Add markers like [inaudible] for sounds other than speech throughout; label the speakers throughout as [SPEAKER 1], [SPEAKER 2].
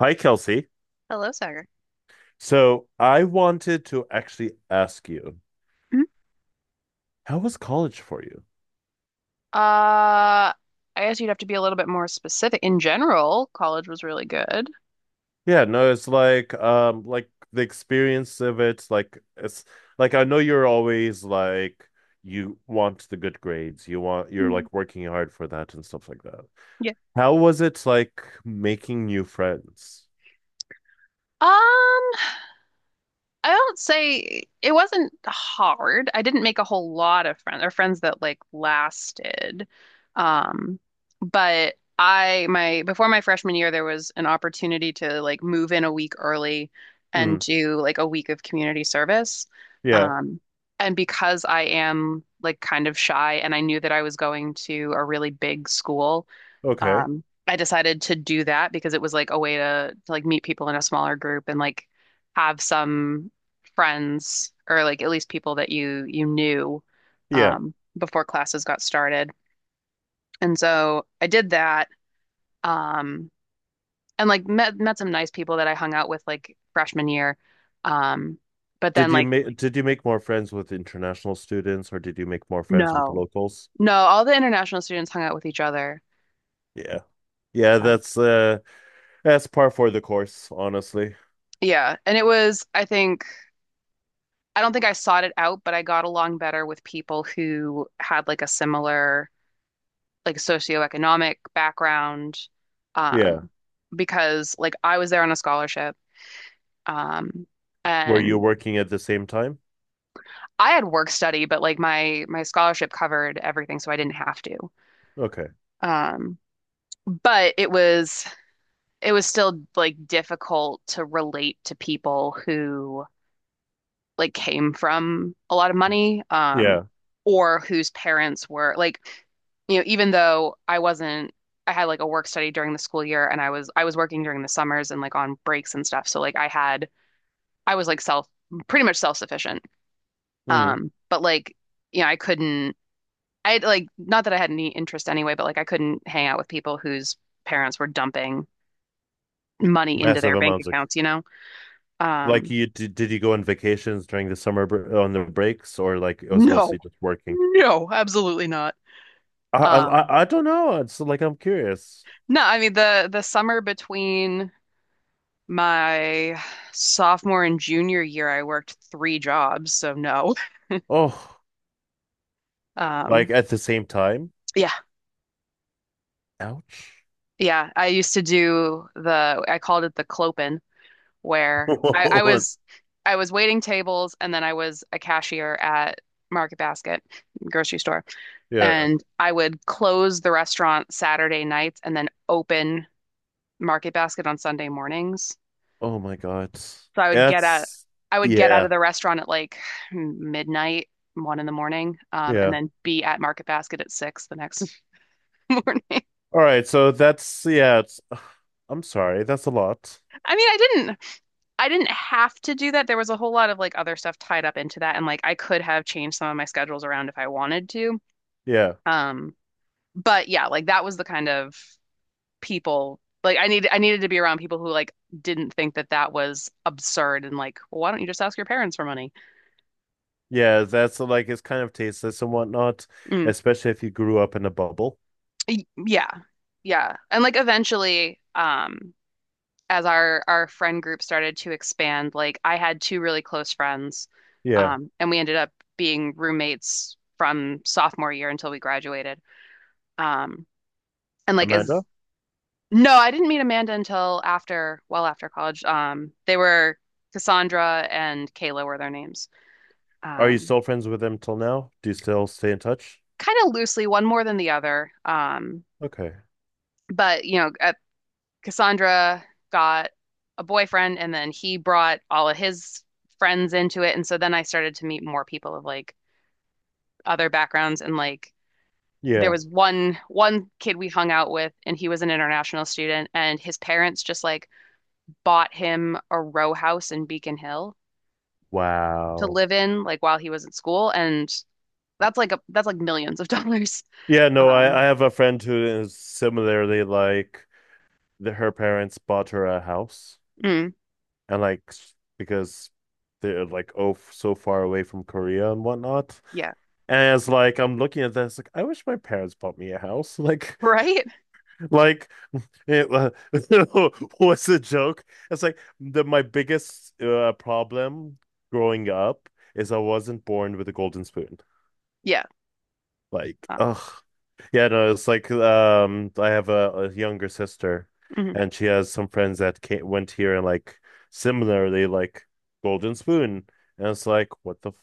[SPEAKER 1] Hi, Kelsey.
[SPEAKER 2] Hello, Sagar.
[SPEAKER 1] So I wanted to actually ask you,
[SPEAKER 2] Mhm.
[SPEAKER 1] how was college for you?
[SPEAKER 2] I guess you'd have to be a little bit more specific. In general, college was really good.
[SPEAKER 1] Yeah, no, it's like the experience of it, like it's like I know you're always like you want the good grades, you're
[SPEAKER 2] Mm.
[SPEAKER 1] like working hard for that and stuff like that.
[SPEAKER 2] Yeah.
[SPEAKER 1] How was it like making new friends?
[SPEAKER 2] Um, I don't say it wasn't hard. I didn't make a whole lot of friends or friends that like lasted. Um, but I my before my freshman year there was an opportunity to like move in a week early and
[SPEAKER 1] Mm,
[SPEAKER 2] do like a week of community service.
[SPEAKER 1] yeah,
[SPEAKER 2] Um, and because I am like kind of shy and I knew that I was going to a really big school,
[SPEAKER 1] okay.
[SPEAKER 2] I decided to do that because it was like a way to like meet people in a smaller group and like have some friends or like at least people that you knew,
[SPEAKER 1] Yeah.
[SPEAKER 2] before classes got started. And so I did that, um, and like met some nice people that I hung out with like freshman year. Um, but then
[SPEAKER 1] Did you
[SPEAKER 2] like
[SPEAKER 1] make did you make more friends with international students or did you make more friends with the
[SPEAKER 2] No,
[SPEAKER 1] locals?
[SPEAKER 2] no, all the international students hung out with each other.
[SPEAKER 1] Yeah. Yeah,
[SPEAKER 2] Uh,
[SPEAKER 1] that's par for the course, honestly.
[SPEAKER 2] yeah, and it was I think. I don't think I sought it out, but I got along better with people who had like a similar like socioeconomic background.
[SPEAKER 1] Yeah.
[SPEAKER 2] Um, because like I was there on a scholarship, um,
[SPEAKER 1] Were you
[SPEAKER 2] and
[SPEAKER 1] working at the same time?
[SPEAKER 2] I had work study, but like my scholarship covered everything, so I didn't have to.
[SPEAKER 1] Okay.
[SPEAKER 2] Um, but it was still like difficult to relate to people who like came from a lot of money,
[SPEAKER 1] Yeah.
[SPEAKER 2] or whose parents were like, you know, even though I wasn't, I had like a work study during the school year and I was working during the summers and like on breaks and stuff. So like I was like self pretty much self-sufficient.
[SPEAKER 1] Mm.
[SPEAKER 2] But like, you know, I couldn't I like, not that I had any interest anyway, but like I couldn't hang out with people whose parents were dumping money into their
[SPEAKER 1] Massive
[SPEAKER 2] bank
[SPEAKER 1] amounts of
[SPEAKER 2] accounts, you know?
[SPEAKER 1] like
[SPEAKER 2] Um,
[SPEAKER 1] did you go on vacations during the summer br on the breaks, or like it was
[SPEAKER 2] no.
[SPEAKER 1] mostly just working?
[SPEAKER 2] No, absolutely not.
[SPEAKER 1] I I
[SPEAKER 2] Um,
[SPEAKER 1] I I don't know. It's like I'm curious.
[SPEAKER 2] No, I mean the summer between my sophomore and junior year, I worked three jobs, so no.
[SPEAKER 1] Oh,
[SPEAKER 2] Um,
[SPEAKER 1] like at the same time?
[SPEAKER 2] yeah,
[SPEAKER 1] Ouch.
[SPEAKER 2] yeah. I used to do the I called it the clopen, where
[SPEAKER 1] [laughs] It's-
[SPEAKER 2] I was waiting tables and then I was a cashier at Market Basket grocery store,
[SPEAKER 1] Yeah.
[SPEAKER 2] and I would close the restaurant Saturday nights and then open Market Basket on Sunday mornings.
[SPEAKER 1] Oh my God.
[SPEAKER 2] So
[SPEAKER 1] That's
[SPEAKER 2] I would get out
[SPEAKER 1] yeah.
[SPEAKER 2] of the restaurant at like midnight, 1 in the morning, and
[SPEAKER 1] Yeah.
[SPEAKER 2] then be at Market Basket at 6 the next [laughs] morning.
[SPEAKER 1] All right, so that's yeah, it's [sighs] I'm sorry. That's a lot.
[SPEAKER 2] I mean, I didn't have to do that. There was a whole lot of like other stuff tied up into that, and like I could have changed some of my schedules around if I wanted to.
[SPEAKER 1] Yeah.
[SPEAKER 2] Um, but yeah, like that was the kind of people like I needed to be around people who like didn't think that that was absurd and like, well, why don't you just ask your parents for money?
[SPEAKER 1] Yeah, that's like it's kind of tasteless and whatnot,
[SPEAKER 2] Mm.
[SPEAKER 1] especially if you grew up in a bubble.
[SPEAKER 2] Yeah. Yeah. And like eventually, as our friend group started to expand, like I had two really close friends,
[SPEAKER 1] Yeah.
[SPEAKER 2] and we ended up being roommates from sophomore year until we graduated. Um, and like
[SPEAKER 1] Amanda,
[SPEAKER 2] as No, I didn't meet Amanda until after, well after college. They were Cassandra and Kayla were their names.
[SPEAKER 1] are you
[SPEAKER 2] Um,
[SPEAKER 1] still friends with them till now? Do you still stay in touch?
[SPEAKER 2] Kind of loosely, one more than the other.
[SPEAKER 1] Okay.
[SPEAKER 2] But at Cassandra got a boyfriend and then he brought all of his friends into it. And so then I started to meet more people of like other backgrounds, and like there
[SPEAKER 1] Yeah.
[SPEAKER 2] was one kid we hung out with and he was an international student and his parents just like bought him a row house in Beacon Hill to
[SPEAKER 1] Wow.
[SPEAKER 2] live in like while he was at school, and that's like millions of [laughs] dollars.
[SPEAKER 1] Yeah, no,
[SPEAKER 2] Um
[SPEAKER 1] I have a friend who is similarly like her parents bought her a house,
[SPEAKER 2] mm,
[SPEAKER 1] and like because they're like so far away from Korea and whatnot.
[SPEAKER 2] yeah.
[SPEAKER 1] And it's like I'm looking at this like I wish my parents bought me a house. [laughs]
[SPEAKER 2] Right?
[SPEAKER 1] Like It wa- [laughs] was a joke. It's like the my biggest problem growing up is I wasn't born with a golden spoon.
[SPEAKER 2] Yeah.
[SPEAKER 1] Like,
[SPEAKER 2] Uh,
[SPEAKER 1] ugh, yeah, no, it's like I have a younger sister,
[SPEAKER 2] mhm,
[SPEAKER 1] and she has some friends that went here and like similarly like golden spoon, and it's like what the f.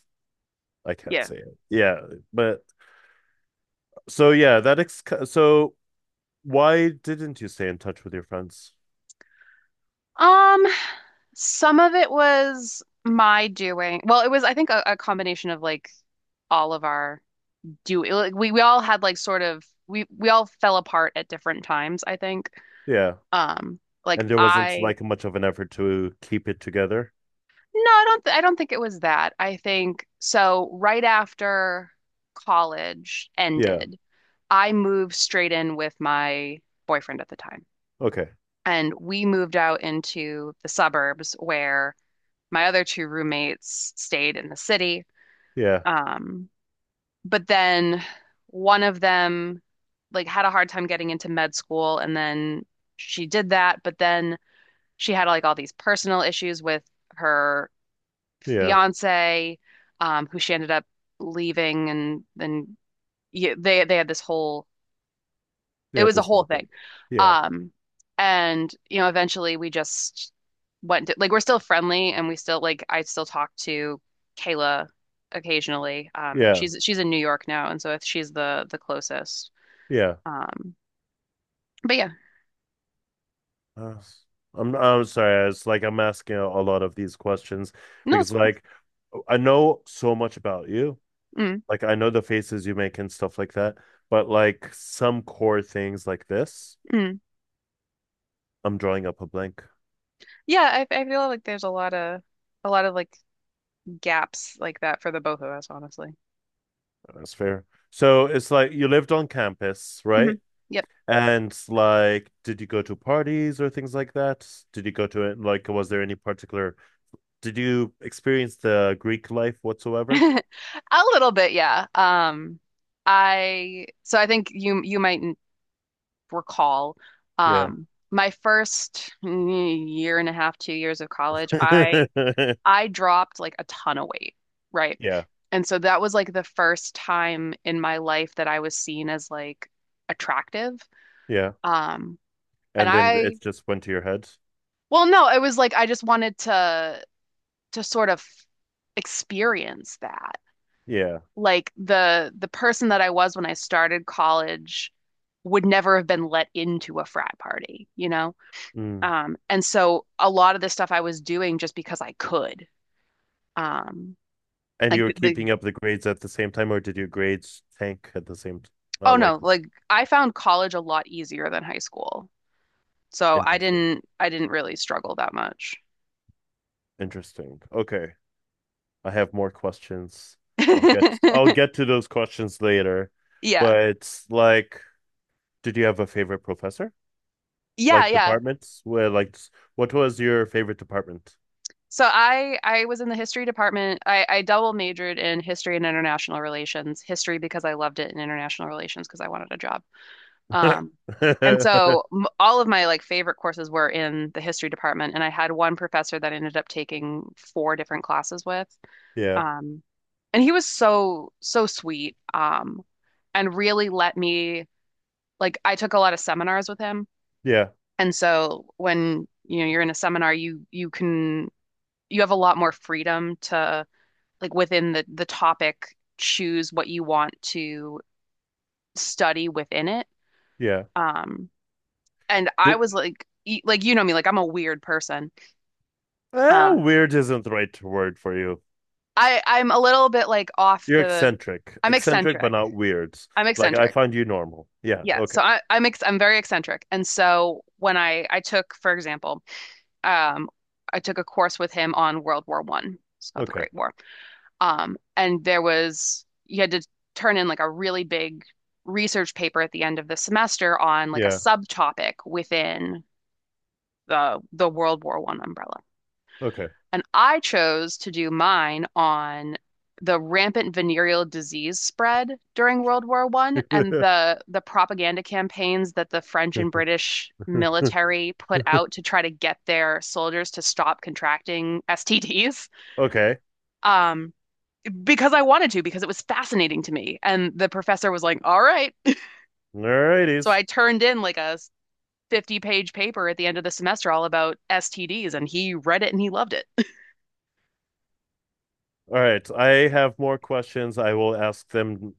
[SPEAKER 1] I can't
[SPEAKER 2] yeah.
[SPEAKER 1] say it. Yeah, but so yeah, that ex so why didn't you stay in touch with your friends?
[SPEAKER 2] Um Some of it was my doing. Well, it was, I think, a combination of like all of our do like, we all had like sort of we all fell apart at different times, I think.
[SPEAKER 1] Yeah.
[SPEAKER 2] Um, like
[SPEAKER 1] And there wasn't
[SPEAKER 2] I
[SPEAKER 1] like much of an effort to keep it together.
[SPEAKER 2] No, I don't think it was that. I think so right after college
[SPEAKER 1] Yeah.
[SPEAKER 2] ended, I moved straight in with my boyfriend at the time.
[SPEAKER 1] Okay.
[SPEAKER 2] And we moved out into the suburbs where my other two roommates stayed in the city.
[SPEAKER 1] Yeah.
[SPEAKER 2] Um, but then one of them like had a hard time getting into med school, and then she did that, but then she had like all these personal issues with her
[SPEAKER 1] Yeah.
[SPEAKER 2] fiance, who she ended up leaving. And then yeah, they had this whole it
[SPEAKER 1] Yeah.
[SPEAKER 2] was a
[SPEAKER 1] This
[SPEAKER 2] whole
[SPEAKER 1] whole thing.
[SPEAKER 2] thing.
[SPEAKER 1] Yeah.
[SPEAKER 2] Um, and eventually we just like we're still friendly, and we still like I still talk to Kayla occasionally.
[SPEAKER 1] Yeah.
[SPEAKER 2] She's in New York now, and so she's the closest.
[SPEAKER 1] Yeah.
[SPEAKER 2] Um, but yeah,
[SPEAKER 1] Uh, I'm sorry. It's like I'm asking a lot of these questions
[SPEAKER 2] no,
[SPEAKER 1] because
[SPEAKER 2] it's
[SPEAKER 1] like I know so much about you.
[SPEAKER 2] mm,
[SPEAKER 1] Like I know the faces you make and stuff like that, but like some core things like this,
[SPEAKER 2] mm.
[SPEAKER 1] I'm drawing up a blank.
[SPEAKER 2] Yeah, I feel like there's a lot of like gaps like that for the both of us, honestly.
[SPEAKER 1] That's fair. So it's like you lived on campus,
[SPEAKER 2] Hmm.
[SPEAKER 1] right?
[SPEAKER 2] Yep.
[SPEAKER 1] And like, did you go to parties or things like that? Did you go to it? Like, was there any particular, did you experience the Greek life whatsoever?
[SPEAKER 2] [laughs] A little bit, yeah. I So I think you might recall,
[SPEAKER 1] Yeah.
[SPEAKER 2] my first year and a half, 2 years of college, I
[SPEAKER 1] [laughs]
[SPEAKER 2] I dropped like a ton of weight, right?
[SPEAKER 1] Yeah.
[SPEAKER 2] And so that was like the first time in my life that I was seen as like attractive.
[SPEAKER 1] Yeah.
[SPEAKER 2] Um, and
[SPEAKER 1] And then
[SPEAKER 2] I,
[SPEAKER 1] it just went to your head.
[SPEAKER 2] well, no, it was like I just wanted to sort of experience that.
[SPEAKER 1] Yeah.
[SPEAKER 2] Like the person that I was when I started college would never have been let into a frat party, you know?
[SPEAKER 1] Mm.
[SPEAKER 2] And so a lot of the stuff I was doing just because I could. Um,
[SPEAKER 1] And you
[SPEAKER 2] like
[SPEAKER 1] were
[SPEAKER 2] the
[SPEAKER 1] keeping up the grades at the same time, or did your grades tank at the same t
[SPEAKER 2] Oh
[SPEAKER 1] uh, like,
[SPEAKER 2] no, like I found college a lot easier than high school. So
[SPEAKER 1] interesting.
[SPEAKER 2] I didn't really struggle that much.
[SPEAKER 1] Interesting. Okay. I have more questions. I'll get I'll
[SPEAKER 2] [laughs]
[SPEAKER 1] get to those questions later.
[SPEAKER 2] Yeah.
[SPEAKER 1] But like, did you have a favorite professor?
[SPEAKER 2] Yeah,
[SPEAKER 1] Like
[SPEAKER 2] yeah.
[SPEAKER 1] departments? What was your favorite department?
[SPEAKER 2] So I was in the history department. I double majored in history and international relations. History because I loved it and international relations because I wanted a job. Um, and
[SPEAKER 1] [laughs]
[SPEAKER 2] so all of my like favorite courses were in the history department, and I had one professor that I ended up taking four different classes with.
[SPEAKER 1] Yeah.
[SPEAKER 2] Um, and he was so, so sweet, and really let me like I took a lot of seminars with him,
[SPEAKER 1] Yeah.
[SPEAKER 2] and so when you know you're in a seminar, you have a lot more freedom to like within the topic choose what you want to study within it.
[SPEAKER 1] Yeah.
[SPEAKER 2] Um, and I
[SPEAKER 1] Did,
[SPEAKER 2] was like, like you know me, like I'm a weird person.
[SPEAKER 1] eh,
[SPEAKER 2] Uh,
[SPEAKER 1] weird isn't the right word for you.
[SPEAKER 2] I'm a little bit like off
[SPEAKER 1] You're
[SPEAKER 2] the,
[SPEAKER 1] eccentric.
[SPEAKER 2] I'm
[SPEAKER 1] Eccentric but
[SPEAKER 2] eccentric.
[SPEAKER 1] not weird.
[SPEAKER 2] I'm
[SPEAKER 1] Like I
[SPEAKER 2] eccentric.
[SPEAKER 1] find you normal. Yeah.
[SPEAKER 2] Yeah,
[SPEAKER 1] Okay.
[SPEAKER 2] so I, I'm ex I'm very eccentric, and so when I took, for example, um, I took a course with him on World War I, so the
[SPEAKER 1] Okay.
[SPEAKER 2] Great War. And there was You had to turn in like a really big research paper at the end of the semester on like a
[SPEAKER 1] Yeah.
[SPEAKER 2] subtopic within the World War I umbrella.
[SPEAKER 1] Okay.
[SPEAKER 2] And I chose to do mine on the rampant venereal disease spread during World War I and the propaganda campaigns that the French and
[SPEAKER 1] [laughs]
[SPEAKER 2] British military put out to try to get their soldiers to stop contracting STDs.
[SPEAKER 1] Okay.
[SPEAKER 2] Um, because I wanted to, because it was fascinating to me. And the professor was like, "All right." So I
[SPEAKER 1] Alrighties.
[SPEAKER 2] turned in like a 50-page paper at the end of the semester all about STDs, and he read it and he loved it. [laughs]
[SPEAKER 1] All right. I have more questions. I will ask them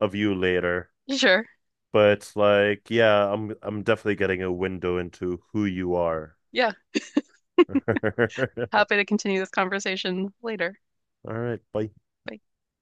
[SPEAKER 1] of you later.
[SPEAKER 2] Sure.
[SPEAKER 1] But like, yeah, I'm definitely getting a window into who you are.
[SPEAKER 2] Yeah.
[SPEAKER 1] [laughs]
[SPEAKER 2] Happy to continue this conversation later.
[SPEAKER 1] All right. Bye.
[SPEAKER 2] Bye.